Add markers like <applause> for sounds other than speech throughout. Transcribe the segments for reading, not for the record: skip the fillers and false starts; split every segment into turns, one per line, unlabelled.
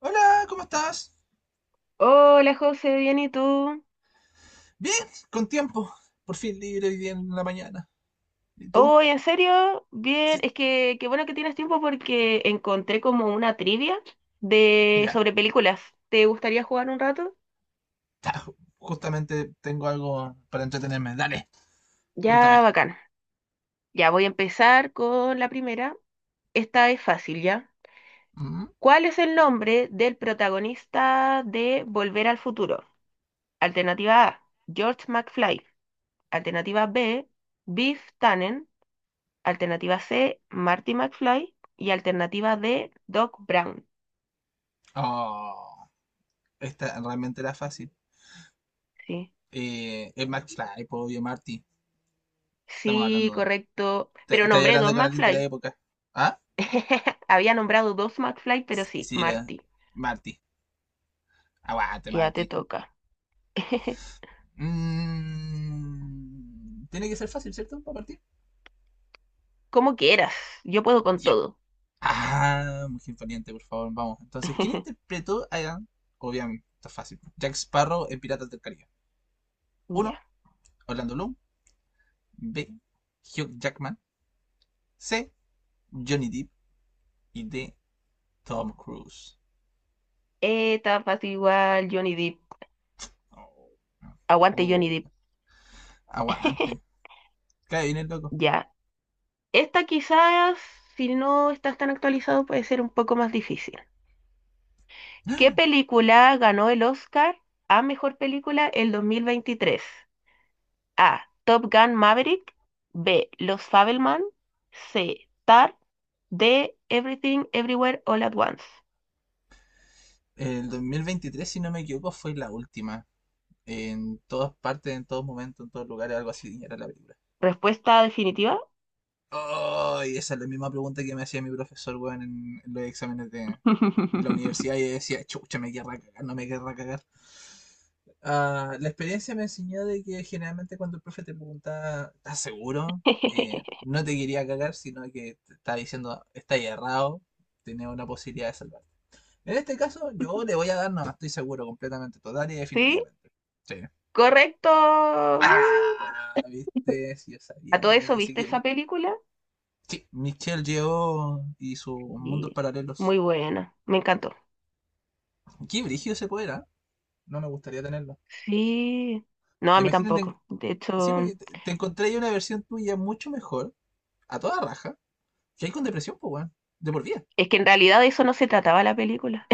Hola, ¿cómo estás?
Hola José, bien, ¿y tú?
Bien, con tiempo. Por fin libre hoy día en la mañana. ¿Y tú?
Hoy, ¿en serio? Bien,
Sí,
es que qué bueno que tienes tiempo porque encontré como una trivia de
ya.
sobre películas. ¿Te gustaría jugar un rato?
<laughs> ta, justamente tengo algo para entretenerme. Dale, cuéntame.
Ya, bacán. Ya voy a empezar con la primera. Esta es fácil, ¿ya?
Mm.
¿Cuál es el nombre del protagonista de Volver al Futuro? Alternativa A, George McFly. Alternativa B, Biff Tannen. Alternativa C, Marty McFly. Y alternativa D, Doc Brown.
Oh, esta realmente era fácil.
Sí.
Es McFly, po, obvio, Marty. Estamos
Sí,
hablando.
correcto. Pero
Estoy
nombré dos
hablando con alguien de la
McFly.
época. ¿Ah?
<laughs> Había nombrado dos McFly, pero
Sí,
sí,
sí,
Marty.
Marty. Aguante,
Ya te
Marty.
toca. <laughs>
Tiene que ser fácil, ¿cierto? Para partir.
Como quieras. Yo puedo con
Ya.
todo.
Ah, Mujer Valiente, por favor, vamos. Entonces, ¿quién
<laughs>
interpretó a... Obviamente, está fácil. Jack Sparrow en Piratas del Caribe. Uno.
Ya.
Orlando Bloom. B. Hugh Jackman. C. Johnny Depp. Y D. Tom Cruise.
Esta fácil igual, Johnny Depp.
Oh,
Aguante Johnny
oh,
Depp.
aguante.
<laughs>
Cae bien el loco.
Ya. Esta quizás, si no estás tan actualizado, puede ser un poco más difícil. ¿Qué película ganó el Oscar a mejor película el 2023? A. Top Gun Maverick. B. Los Fabelman. C. Tar. D. Everything Everywhere All at Once.
El 2023, si no me equivoco, fue la última. En todas partes, en todos momentos, en todos lugares, algo así era la película.
Respuesta definitiva.
Ay, esa es la misma pregunta que me hacía mi profesor, weón, en los exámenes de la universidad. Y
<laughs>
yo decía, chucha, me querrá cagar, no me querrá cagar. Ah, la experiencia me enseñó de que generalmente cuando el profe te pregunta, ¿estás seguro? No te quería cagar, sino que te está diciendo, está errado, tenés una posibilidad de salvarte. En este caso, yo le voy a dar, no, estoy seguro, completamente, total y
Sí,
definitivamente. Sí.
correcto. Uh.
Ah, viste, si yo
A
sabía,
todo
tenía
eso,
que
¿viste
seguir.
esa película?
Sí, Michelle llegó y sus mundos
Y
paralelos.
muy buena, me encantó.
Qué brígido ese poder, ¿ah? No me gustaría tenerlo.
Sí, no, a mí
Imagínate,
tampoco. De
sí,
hecho,
porque te encontré ahí una versión tuya mucho mejor, a toda raja, que hay con depresión, pues, weón. De por vida.
es que en realidad de eso no se trataba la película.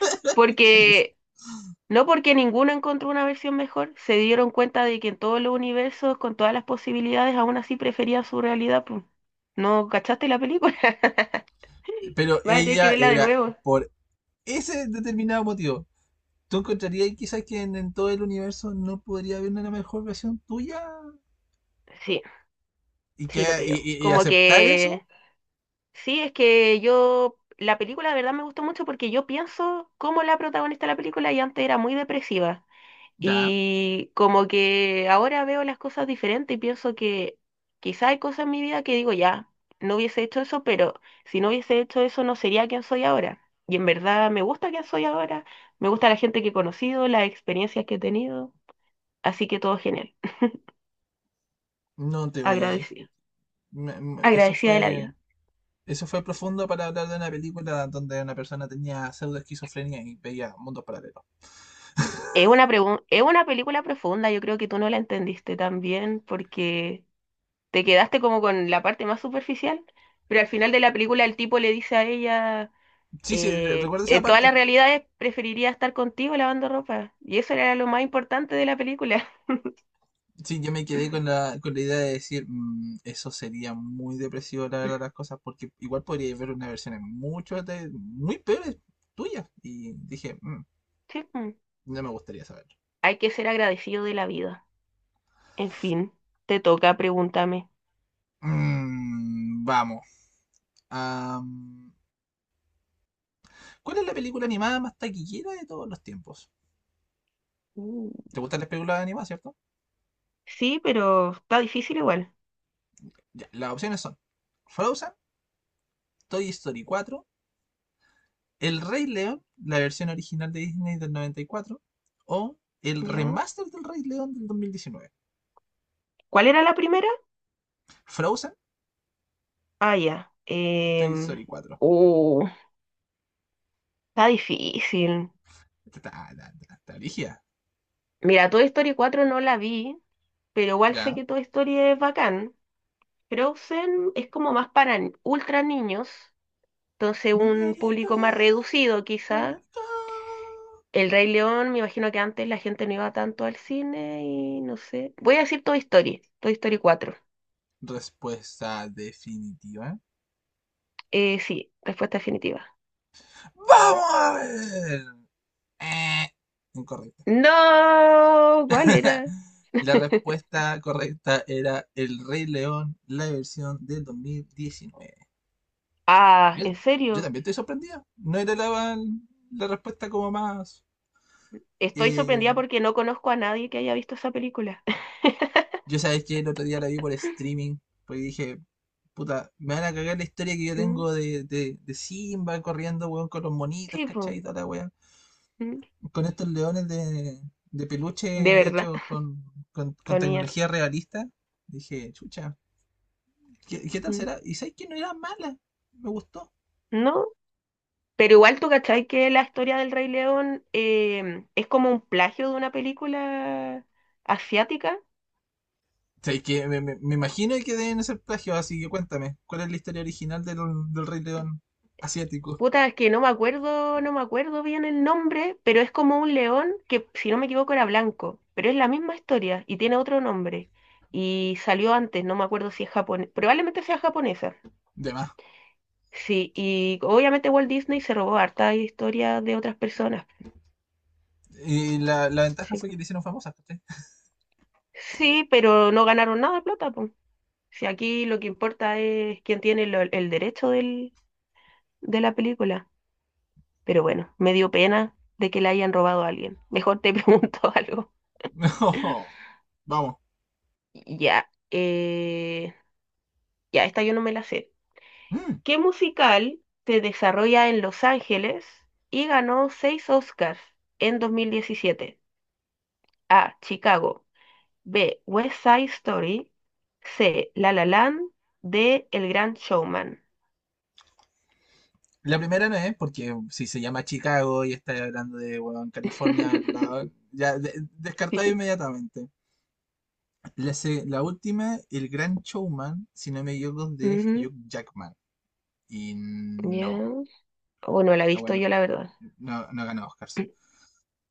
<laughs>
Changos.
Porque no porque ninguno encontró una versión mejor, se dieron cuenta de que en todos los universos, con todas las posibilidades, aún así prefería su realidad, pues. ¿No cachaste la película? <laughs>
Pero
Vas a tener que
ella
verla de
era,
nuevo.
por ese determinado motivo, ¿tú encontrarías quizás que en todo el universo no podría haber una mejor versión tuya?
Sí,
Y,
sí, lo
que, y,
creo.
y
Como
aceptar eso,
que sí, es que yo la película de verdad me gustó mucho porque yo pienso como la protagonista de la película y antes era muy depresiva.
ya,
Y como que ahora veo las cosas diferentes y pienso que quizá hay cosas en mi vida que digo, ya, no hubiese hecho eso, pero si no hubiese hecho eso no sería quien soy ahora. Y en verdad me gusta quien soy ahora, me gusta la gente que he conocido, las experiencias que he tenido, así que todo genial.
no te voy a discutir.
Agradecida.
Me- me- Eso
Agradecida de la
fue
vida.
Eso fue profundo para hablar de una película donde una persona tenía pseudo esquizofrenia y veía mundos paralelos.
Es una película profunda, yo creo que tú no la entendiste tan bien porque te quedaste como con la parte más superficial, pero al final de la película el tipo le dice a ella...
Sí, sí, re- recuerdo esa
en todas
parte.
las realidades preferiría estar contigo lavando ropa. Y eso era lo más importante de la película. <laughs>
Sí, yo me quedé con la idea de decir, "Eso sería muy depresivo, la verdad, las cosas, porque igual podría ver unas versiones muy peores tuyas. Y dije, "Mm,
Sí, mm.
no me gustaría saberlo.
Hay que ser agradecido de la vida. En fin, te toca, pregúntame.
Vamos. Am, ¿cuál es la película animada más taquillera de todos los tiempos?
Mm.
¿Te gustan las películas animadas, cierto?
Sí, pero está difícil igual.
Ya, las opciones son Frozen, Toy Story 4. El Rey León, la versión original de Disney del 94, o el
¿Ya?
remaster del Rey León del 2019.
¿Cuál era la primera?
Frozen,
Ah, ya.
Toy Story 4.
Uh, Está difícil.
Está, está
Mira, Toy Story 4 no la vi, pero igual sé
¿ya?
que Toy Story es bacán. Frozen es como más para ultra niños. Entonces,
Let
un
it
público más
go,
reducido,
let it
quizá.
go.
El Rey León, me imagino que antes la gente no iba tanto al cine y no sé. Voy a decir Toy Story, Toy Story cuatro.
Respuesta definitiva.
Sí, respuesta definitiva.
¡Vamos a ver! Eh, Incorrecta.
No, ¿cuál era?
<laughs> La
<laughs>
respuesta correcta era El Rey León, la versión del 2019.
Ah,
Yo,
¿en
yo
serio?
también estoy sorprendida. No era la respuesta como más.
Estoy
eh,
sorprendida porque no conozco a nadie que haya visto esa película. <laughs>
yo sabes que el otro día la vi por streaming, porque dije, puta, me van a cagar la historia que yo
Mm.
tengo de Simba corriendo, weón, con los monitos,
Sí,
¿cachai?
po.
Y toda la weá.
Mm.
Con estos leones de
De
peluche
verdad,
hechos
<laughs>
con, con,
qué
con
bonita.
tecnología realista. Dije, chucha, ¿qué tal
Mm.
será? Y sabes que no era mala, me gustó.
No. Pero igual tú cachai que la historia del Rey León es como un plagio de una película asiática.
Sabéis que me imagino que deben ser plagios, así que cuéntame, ¿cuál es la historia original del Rey León asiático?
Puta, es que no me acuerdo, no me acuerdo bien el nombre, pero es como un león que, si no me equivoco, era blanco, pero es la misma historia y tiene otro nombre. Y salió antes, no me acuerdo si es japonés, probablemente sea japonesa.
De más.
Sí, y obviamente Walt Disney se robó harta historia de otras personas.
Y la ventaja
Sí,
fue que le hicieron famosa, ¿cachai?
sí, pero no ganaron nada de plata. Si aquí lo que importa es quién tiene el derecho de la película. Pero bueno, me dio pena de que le hayan robado a alguien. Mejor te <laughs> pregunto algo.
<laughs> No, vamos.
Ya, ya, esta yo no me la sé.
Mm,
¿Qué musical se desarrolla en Los Ángeles y ganó seis Oscars en 2017? A. Chicago. B. West Side Story. C. La La Land. D. El Gran Showman.
La primera no es, porque si se llama Chicago y está hablando de bueno, California,
<laughs>
ya descartado
Sí.
inmediatamente. La última, El Gran Showman, si no me equivoco, de
Ujú.
Hugh Jackman. Y
Ya.
no,
O no la he
ah,
visto
bueno,
yo, la verdad.
no, no ganó Oscars.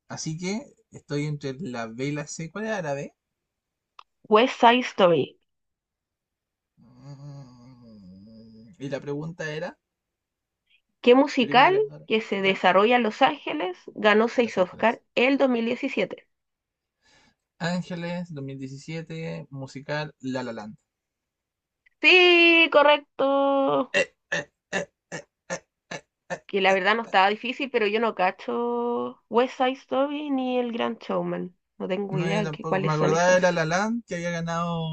Así que estoy entre la B y la C. ¿Cuál era la B?
West Side Story.
Y la pregunta era,
¿Qué
película
musical
ganadora,
que se
¿ya?
desarrolla en Los Ángeles ganó
En
seis
Los Ángeles.
Oscar el dos mil diecisiete?
Ángeles, 2017, musical La La Land.
Sí, correcto.
Eh, eh, eh.
Que la verdad no estaba difícil, pero yo no cacho West Side Story ni El Gran Showman. No tengo
No, yo
idea de
tampoco. Me
cuáles son
acordaba de
esas.
La La Land que había ganado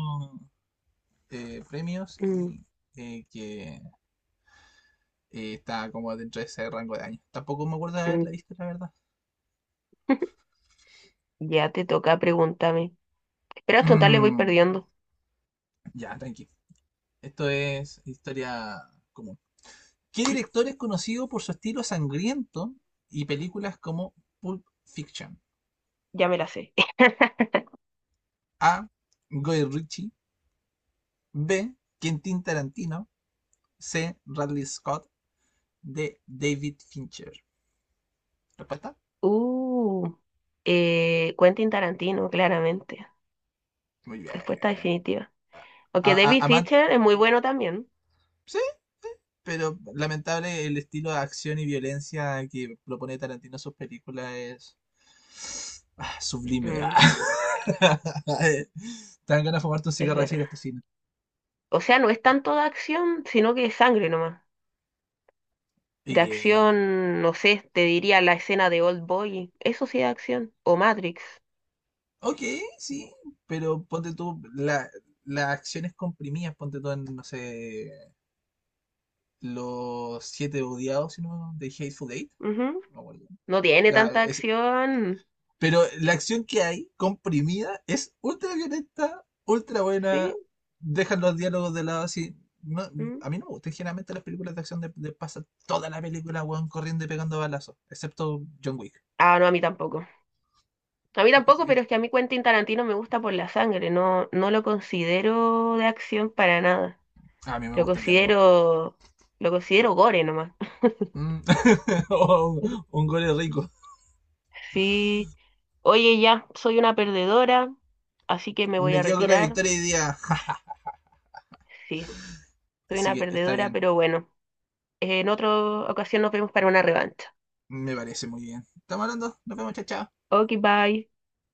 premios
Mm,
y que estaba como dentro de ese rango de años. Tampoco me acuerdo de
mm.
haberla visto, la verdad.
<laughs> Ya te toca, pregúntame. Pero hasta total le voy
Mm,
perdiendo.
ya, tranqui. Esto es historia común. ¿Qué director es conocido por su estilo sangriento y películas como Pulp Fiction?
Ya me la sé. <laughs>
A. Guy Ritchie. B. Quentin Tarantino. C. Ridley Scott. D. David Fincher. ¿Respuesta?
Uh, Quentin Tarantino, claramente.
Muy
Respuesta
bien.
definitiva. O
A-
David
a- aman-
Fincher es muy bueno también.
sí, sí, pero lamentable el estilo de acción y violencia que propone Tarantino en sus películas es sublime.
Mm,
Ah. <laughs> Te dan ganas de fumarte un
es
cigarro de
verdad.
decir esto cine.
O sea, no es tanto de acción, sino que es sangre nomás. De
Eh,
acción, no sé, te diría la escena de Old Boy. Eso sí es acción. O Matrix.
Ok, sí, pero ponte tú las acciones comprimidas, ponte tú en, no sé, los siete odiados, si no, de Hateful Eight,
Ujú.
no me acuerdo.
No tiene
La-
tanta
es-
acción.
pero la acción que hay comprimida es ultra violenta, ultra
Sí,
buena, dejan los diálogos de lado así. No,
mm.
a mí no me gustan generalmente las películas de acción de pasar toda la película, weón, corriendo y pegando balazos, excepto John Wick.
Ah, no, a mí tampoco. A mí
que-
tampoco,
que-
pero es que a mí Quentin Tarantino me gusta por la sangre. No, no lo considero de acción para nada.
a mí me
Lo
gusta el diálogo.
considero, lo considero gore nomás.
Mm. <laughs> O un,
<laughs>
un gol rico.
Sí. Oye, ya, soy una perdedora, así que me voy
Me
a
quedo con la
retirar.
victoria hoy día.
Sí, soy
Así
una
que está
perdedora,
bien.
pero bueno, en otra ocasión nos vemos para una revancha.
Me parece muy bien. Estamos hablando. Nos vemos, chao, chao.
Ok, bye.